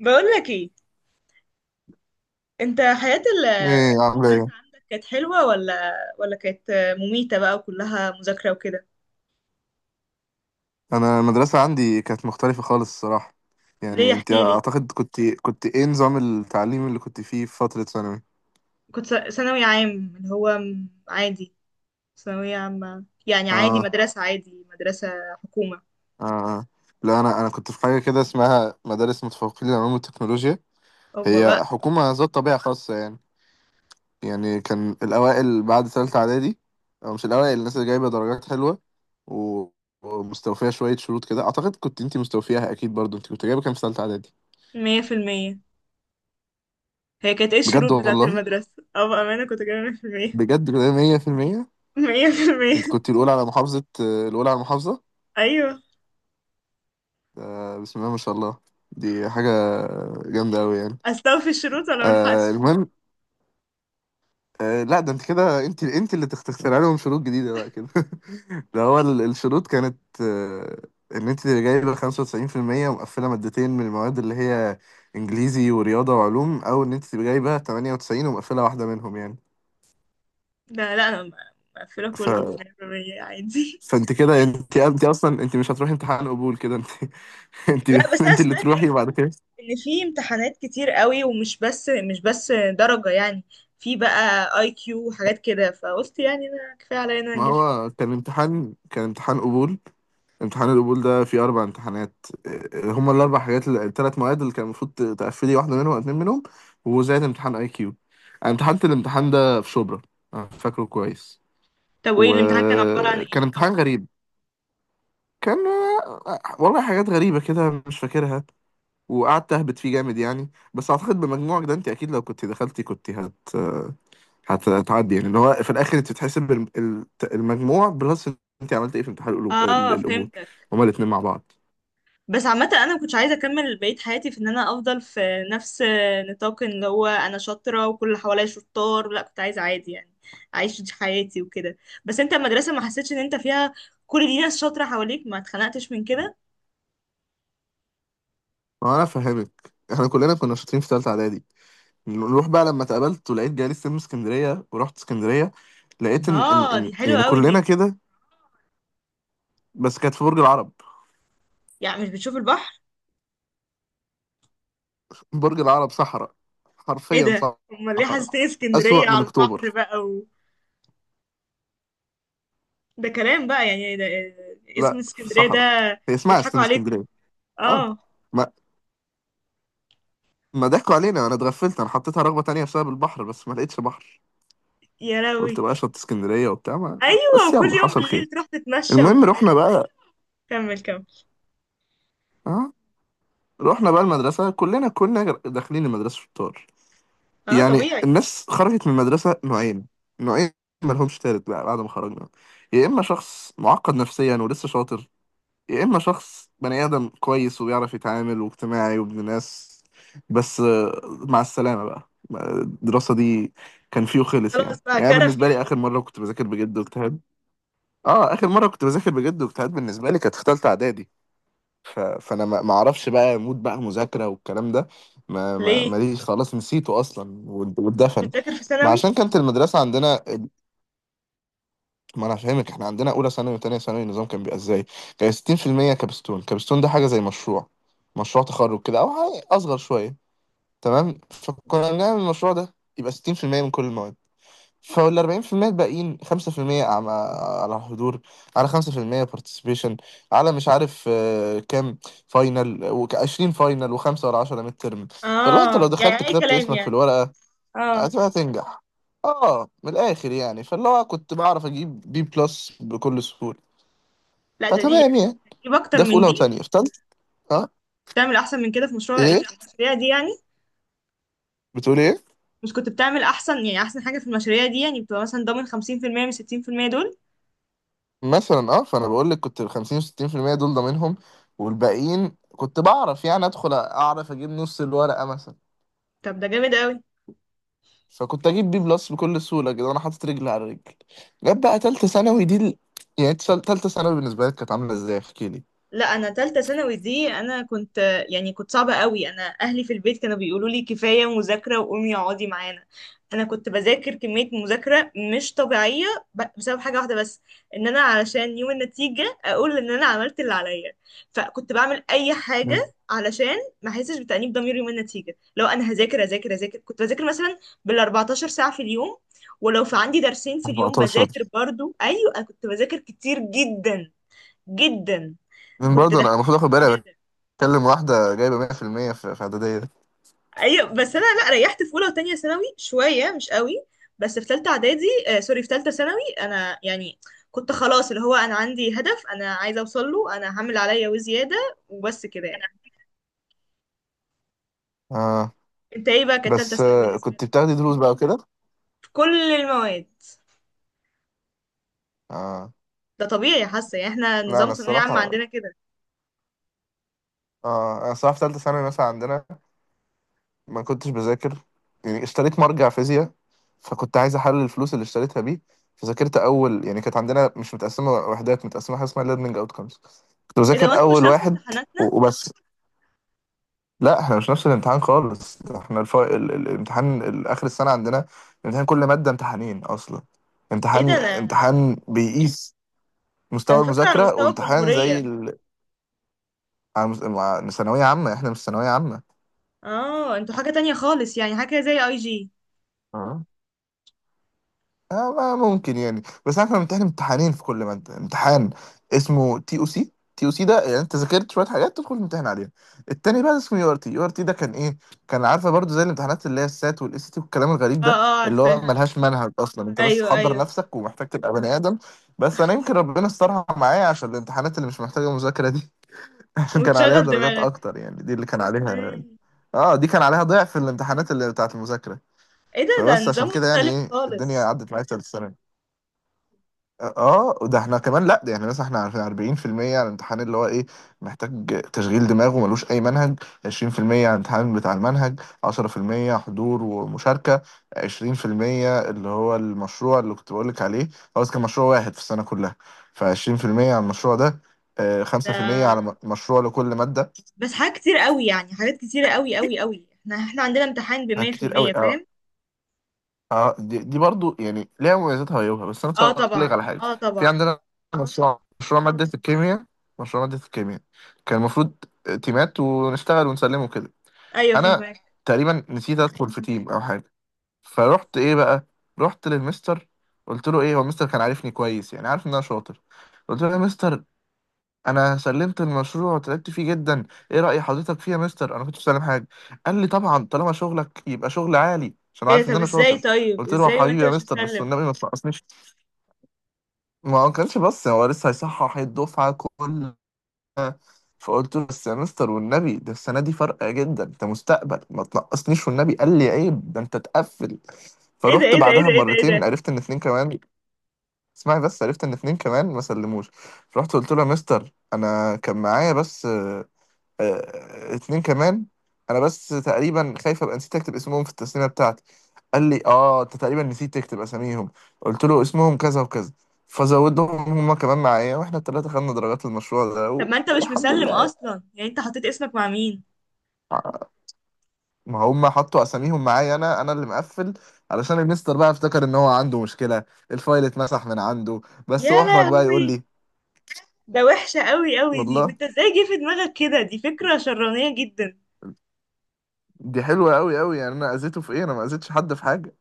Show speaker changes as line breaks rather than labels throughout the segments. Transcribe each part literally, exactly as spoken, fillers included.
بقول لك ايه. انت حياة،
ايه عاملة ايه؟
المدرسة عندك كانت حلوة ولا ولا كانت مميتة بقى وكلها مذاكرة وكده؟
انا المدرسة عندي كانت مختلفة خالص الصراحة.
ليه
يعني انت
احكي لي.
اعتقد كنت كنت ايه نظام التعليم اللي كنت فيه في فترة ثانوي؟
كنت ث- ثانوي عام اللي هو م- عادي، ثانوية عامة يعني عادي،
اه
مدرسة عادي، مدرسة حكومة.
اه آه. لا انا انا كنت في حاجة كده اسمها مدارس متفوقين للعلوم والتكنولوجيا،
اوبا بقى.
هي حكومة ذات طبيعة خاصة يعني. يعني كان الاوائل بعد ثالثة اعدادي، او مش الاوائل، الناس اللي جايبة درجات حلوة و... ومستوفية شوية شروط كده، اعتقد كنت انت مستوفياها اكيد برضو. انت كنت جايبة كام في ثالثة اعدادي؟
مية في المية. هي كانت ايه
بجد
الشروط بتاعة
والله؟
المدرسة؟ او بأمانة كنت جايبة مية في المية.
بجد كده مية في المية؟
مية في المية.
انت كنت الاولى على محافظه، الاولى على المحافظه
ايوه.
آه بسم الله ما شاء الله، دي حاجه جامده قوي يعني.
استوفي الشروط ولا ملحقش.
آه المهم، آه لا ده انت كده، انت انت اللي تخ- تخترع لهم شروط جديده بقى كده ده هو ال- الشروط كانت آه، ان انت اللي جايبه خمسة وتسعين في المية ومقفله مادتين من المواد، اللي هي انجليزي ورياضه وعلوم، او ان انت تبقى جايبه تمنية وتسعين ومقفله واحده منهم يعني.
لا لا، انا مقفلة
ف...
كله مية في المية عادي.
فانت كده، انت انت اصلا انت مش هتروحي امتحان قبول كده انت انت
لا بس انا
انت اللي
سمعت
تروحي وبعد كده.
ان في امتحانات كتير قوي، ومش بس مش بس درجة يعني، في بقى اي كيو وحاجات كده، فقلت يعني انا كفاية عليا إن انا
ما
نجحت.
هو كان امتحان كان امتحان قبول. امتحان القبول ده فيه أربع امتحانات إيه، هما الأربع حاجات الثلاث مواد اللي كان المفروض ت- تقفلي واحدة منهم أو اتنين منهم، وزائد امتحان أي كيو. أنا امتحنت الامتحان ده في شبرا، أنا فاكره كويس،
طب وايه الامتحان كان عبارة عن
وكان
ايه؟
امتحان غريب. كان آه، والله حاجات غريبة كده مش فاكرها، وقعدت أهبط فيه جامد يعني. بس أعتقد بمجموعك ده أنت أكيد لو كنت دخلتي كنت هت آه، هتعدي يعني. اللي هو في الاخر انت بتحسب الم- ال- المجموع بلس. انت عملت ايه في امتحان القلو- ال-
اه
القبول؟
فهمتك.
هما الاثنين مع بعض.
بس عامة انا ما كنتش عايزة اكمل بقية حياتي في ان انا افضل في نفس نطاق ان هو انا شاطرة وكل اللي حواليا شطار، لا كنت عايزة عادي يعني اعيش دي حياتي وكده. بس انت المدرسة ما حسيتش ان انت فيها كل دي ناس شاطرة حواليك، ما اتخنقتش من كده؟
ما انا فاهمك، احنا كلنا كنا شاطرين في ثالثه اعدادي. نروح بقى، لما اتقابلت ولقيت جالي سلم اسكندريه ورحت اسكندريه، لقيت ان ان
اه دي
ان
حلوة
يعني
قوي دي.
كلنا كده. بس كانت في برج العرب.
يعني مش بتشوف البحر؟
برج العرب صحراء،
ايه
حرفيا
ده، امال ليه
صحراء،
حاسسني اسكندريه
اسوأ من
على البحر
اكتوبر.
بقى و... ده كلام بقى، يعني إيه ده، إيه اسم
لا في
اسكندريه ده؟
صحراء، هي اسمها
بيضحكوا
سلم
عليكم.
اسكندريه. اه.
اه.
ما ما ضحكوا علينا، انا اتغفلت، انا حطيتها رغبه تانية بسبب البحر، بس ما لقيتش بحر.
يا
قلت
لهوي.
بقى شط اسكندرية وبتاع ما- ما-
ايوه،
بس
وكل
يلا
يوم
حصل خير.
بالليل تروح تتمشى
المهم
وبتاع.
رحنا بقى.
كمل كمل.
اه رحنا بقى المدرسة، كلنا كنا داخلين المدرسة شطار.
اه
يعني
طبيعي.
الناس خرجت من المدرسة نوعين، نوعين مالهمش تالت بقى بعد ما خرجنا: يا إما شخص معقد نفسيا ولسه شاطر، يا إما شخص بني آدم كويس وبيعرف يتعامل واجتماعي وابن ناس. بس آه، مع السلامة بقى الدراسة دي. كان فيه خلص
خلاص
يعني،
بقى
يعني
كرف
بالنسبة لي
يعني.
آخر مرة كنت بذاكر بجد واجتهاد، اه اخر مره كنت بذاكر بجد واجتهاد بالنسبه لي، كانت في ثالثه اعدادي. ف... فانا ما ما اعرفش بقى مود بقى مذاكره والكلام ده، ما ما
ليه
ماليش، خلاص نسيته اصلا وات-
كنتش
واتدفن.
بتذاكر في
ما
ثانوي؟
عشان كانت المدرسه عندنا، ما انا فاهمك، احنا عندنا اولى ثانوي وثانيه ثانوي النظام كان بيبقى ازاي؟ كان ستين في المية كابستون. كابستون ده حاجه زي مشروع، مشروع تخرج كده او حاجه اصغر شويه. تمام. فكنا بنعمل المشروع ده يبقى ستين في المية من كل المواد. فال اربعين في المية الباقيين: خمسة في المية على على حضور، على خمسة في المية بارتيسيبيشن، على مش عارف آه، كام فاينل، و20 فاينل، و5 ولا عشرة ميد ترم. فلو انت لو
اه يعني
دخلت
اي
كتبت
كلام
اسمك في
يعني.
الورقة
اه
هتبقى تنجح. اه من الاخر يعني. فاللي هو كنت بعرف اجيب بي بلس بكل سهولة.
لا، ده دي
فتمام
يعني
يعني.
تجيب اكتر
ده في
من
اولى
دي
وتانية، في
مش.
تالتة. اه.
بتعمل احسن من كده في مشروع إيه؟
ايه
في المشاريع دي يعني،
بتقول ايه؟
مش كنت بتعمل احسن يعني احسن حاجه في المشاريع دي يعني بتبقى مثلا ضامن خمسين في المية من ستين في المية دول؟
مثلا اه، فانا بقول لك كنت ال خمسين و60% دول ضامنهم، والباقيين كنت بعرف يعني ادخل اعرف اجيب نص الورقة مثلا.
طب ده جامد قوي.
فكنت اجيب بي بلس بكل سهوله كده وانا حاطط رجل على رجل. جت بقى تالته ثانوي دي ال... يعني إنت تال- تالته ثانوي بالنسبه لك كانت عامله ازاي احكي لي.
لا انا تالتة ثانوي دي انا كنت، يعني كنت صعبة قوي. انا اهلي في البيت كانوا بيقولوا لي كفاية مذاكرة وقومي اقعدي معانا. انا كنت بذاكر كمية مذاكرة مش طبيعية، ب- بسبب حاجة واحدة بس، ان انا علشان يوم النتيجة اقول ان انا عملت اللي عليا، فكنت بعمل اي
مم.
حاجة علشان ما احسش بتأنيب ضمير يوم النتيجة. لو انا هذاكر هذاكر هذاكر كنت بذاكر مثلا بال اربعتاشر ساعة في اليوم، ولو في عندي درسين في اليوم بذاكر
اربعتاشر؟
برضو. ايوه أنا كنت بذاكر كتير جدا جدا.
من
كنت
برضه
كده.
انا المفروض اخد بالي، بتكلم واحده جايبه مية في المية في المية في في اعداديه دي.
ايوه بس انا لا ريحت في اولى وتانية ثانوي شويه مش قوي، بس في ثالثه اعدادي آه سوري في ثالثه ثانوي انا يعني كنت خلاص اللي هو انا عندي هدف انا عايزه اوصل له، انا هعمل عليا وزياده وبس كده يعني.
اه
انت ايه بقى كانت ثالثه
بس
ثانوي
آه
بالنسبه
كنت
لك؟
بتاخدي دروس بقى وكده.
في كل المواد.
اه
ده طبيعي، حاسه يعني احنا
لا
نظام
انا
ثانويه عامه
الصراحه،
عندنا كده.
اه انا الصراحه في ثالثه ثانوي مثلا عندنا ما كنتش بذاكر. يعني اشتريت مرجع فيزياء، فكنت عايز احلل الفلوس اللي اشتريتها بيه. فذاكرت اول، يعني كانت عندنا مش متقسمه وحدات، متقسمه حاجه اسمها ليرنينج اوتكمز، كنت
ايه ده،
بذاكر
وانتوا مش
اول
نفس
واحد
امتحاناتنا؟
و- وبس. لا احنا مش نفس الامتحان خالص، احنا الف... ال... ال- الامتحان ال- اخر السنه عندنا امتحان كل ماده امتحانين اصلا.
ايه ده،
امتحان
انا
امتحان بيقيس
انا
مستوى
فاكره على
المذاكره،
مستوى
وامتحان زي
الجمهوريه.
ال... عن- مع- ثانويه عامه. احنا مش ثانويه عامه.
اه، انتوا حاجه تانية خالص يعني، حاجه زي اي جي؟
اه آه. ما ممكن يعني، بس احنا بنمتحن امتحانين في كل مادة. امتحان اسمه تي او سي. تي او سي ده يعني انت ذاكرت شوية حاجات تدخل الامتحان عليها. التاني بقى اسمه يو ار تي. يو ار تي ده كان ايه؟ كان عارفة برضو زي الامتحانات اللي هي السات والاس تي والكلام الغريب
اه
ده،
اه
اللي هو
عارفاها.
ملهاش منهج اصلا، انت بس
ايوه
حضر
ايوه.
نفسك ومحتاج تبقى بني ادم. بس انا يمكن ربنا استرها معايا عشان الامتحانات اللي مش محتاجة مذاكرة دي عشان كان عليها
وتشغل
درجات
دماغك.
اكتر يعني، دي اللي كان عليها،
اوكي.
اه دي كان عليها ضعف الامتحانات اللي بتاعت المذاكرة.
ايه ده، ده
فبس
نظام
عشان كده يعني
مختلف
ايه الدنيا
خالص
عدت معايا في ثالث سنة. اه ده احنا كمان، لا ده يعني مثلا احنا عارفين اربعين في المية على الامتحان اللي هو ايه، محتاج تشغيل دماغ وملوش اي منهج. عشرين في المية على الامتحان بتاع المنهج. عشرة في المية حضور ومشاركة. عشرين في المية اللي هو المشروع اللي كنت بقولك عليه، هو بس كان مشروع واحد في السنة كلها، ف20% على المشروع ده. آه، خمسة في المية على
ده.
م- مشروع لكل مادة.
بس حاجات كتير قوي يعني، حاجات كتير قوي قوي قوي. احنا احنا عندنا امتحان
حاجات
بمية في
كتير قوي.
المية فاهم؟
اه دي, دي برضو يعني ليها مميزاتها وعيوبها. بس انا
اه
هقول لك
طبعا
على حاجه.
اه
في
طبعا.
عندنا مشروع مشروع ماده الكيمياء، مشروع ماده الكيمياء كان المفروض تيمات ونشتغل ونسلمه كده.
ايوه
انا
فاهمك.
تقريبا نسيت ادخل في تيم او حاجه. فروحت ايه بقى، رحت للمستر قلت له ايه. هو المستر كان عارفني كويس، يعني عارف ان انا شاطر. قلت له يا مستر انا سلمت المشروع وتعبت فيه جدا، ايه رأي حضرتك فيه يا مستر؟ انا كنت بسلم حاجه. قال لي طبعا طالما شغلك يبقى شغل عالي، عشان
ايه
عارف
ده،
ان
طب
انا
ازاي،
شاطر.
طيب
قلت له يا
ازاي
حبيبي
وانت
يا
مش
مستر بس
مسلم؟
والنبي ما تنقصنيش. ما هو كانش بس هو لسه هيصحح الدفعه كلها. فقلت له بس يا مستر والنبي ده السنه دي فرقه جدا انت مستقبل ما تنقصنيش والنبي. قال لي عيب ده انت تقفل.
ايه ده
فروحت
ايه ده ايه
بعدها
ده ايه ده ايه ده.
مرتين عرفت ان اتنين كمان. اسمعي بس، عرفت ان اتنين كمان ما سلموش. فرحت قلت له يا مستر انا كان معايا بس آه، اتنين كمان. انا بس تقريبا خايف ابقى نسيت اكتب اسمهم في التسليمه بتاعتي. قال لي اه انت تقريبا نسيت تكتب اساميهم. قلت له اسمهم كذا وكذا، فزودهم، هما كمان معايا، واحنا التلاته خدنا درجات المشروع ده
طب
و...
ما انت مش
والحمد
مسلم
لله يعني.
اصلا، يعني انت حطيت اسمك مع مين؟
ما هم حطوا اساميهم معايا، انا انا اللي مقفل، علشان المستر بقى افتكر ان هو عنده مشكله، الفايل اتمسح من عنده، بس
يا
احرج بقى يقول
لهوي.
لي.
ده وحشة قوي قوي دي،
والله
وانت ازاي جه في دماغك كده؟ دي فكرة شرانية جدا.
دي حلوه قوي قوي يعني، انا اذيته في ايه؟ انا ما اذيتش حد في حاجه.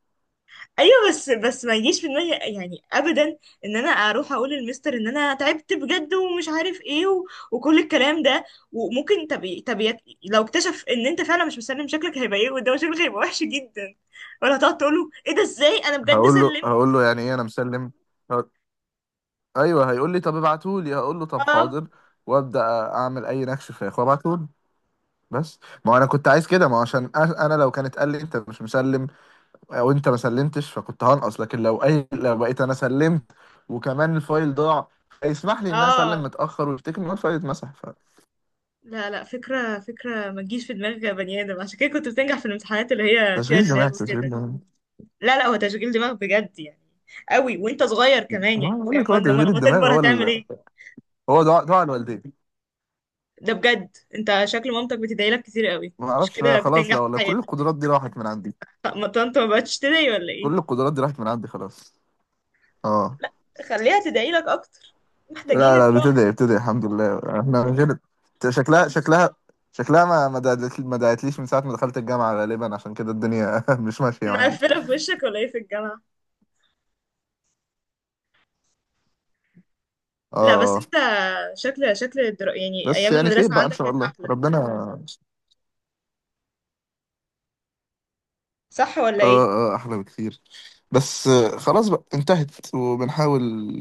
ايوه بس بس ما يجيش في دماغي يعني ابدا، ان انا اروح اقول للمستر ان انا تعبت بجد ومش عارف ايه و... وكل الكلام ده، وممكن طب طب يت- لو اكتشف ان انت فعلا مش مسلم، شكلك هيبقى ايه قدامه؟ شكلك هيبقى وحش جدا. ولا هتقعد تقول له ايه ده ازاي انا بجد
هقول له
سلمت.
هقول له يعني ايه انا مسلم. ايوه هيقول لي طب ابعتهولي، هقول له طب
اه
حاضر، وابدا اعمل اي نكش فراخ وابعتهولي بس. ما هو انا كنت عايز كده، ما هو عشان أ- انا لو كانت قال لي انت مش مسلم او انت ما سلمتش فكنت هنقص، لكن لو اي لو بقيت انا سلمت وكمان الفايل ضاع، يسمح لي ان انا اسلم
اه.
متاخر ويفتكر ان هو الفايل اتمسح.
لا لا، فكره فكره ما تجيش في دماغ بني ادم. عشان كده كنت بتنجح في الامتحانات اللي هي فيها
فتشغيل دماغ
دماغ
تشغيل
وكده.
دماغ.
لا لا، هو تشغيل دماغ بجد يعني، قوي وانت صغير كمان
ما
يعني
بقول
فاهم،
لك
ما
هو
إنما
تشغيل
لما
الدماغ
تكبر
هو
هتعمل
ال...
ايه؟
هو دعاء دعاء الوالدين.
ده بجد انت شكل مامتك بتدعي لك كتير قوي،
ما
مش
اعرفش
كده
بقى خلاص،
بتنجح
لا
في
والله كل
حياتك؟
القدرات دي راحت من عندي،
طب ما طنط ما بقتش تدعي ولا
كل
ايه؟
القدرات دي راحت من عندي خلاص. اه.
خليها تدعي لك اكتر، محتاجين
لا لا
الدعاء.
بتدعي بتدعي الحمد لله، احنا من غير. شكلها شكلها، شكلها ما ما دعت- ما دعتليش من ساعة ما دخلت الجامعة غالبا، عشان كده الدنيا مش ماشية معايا.
مقفله في وشك ولا ايه في الجامعه؟
اه
لا بس
آه.
انت، شكل شكل الدرا... يعني
بس
ايام
يعني خير
المدرسه
بقى ان
عندك
شاء
كانت
الله
احلى،
ربنا.
صح ولا ايه؟
اه اه احلى بكتير. بس آه، خلاص بقى انتهت وبنحاول.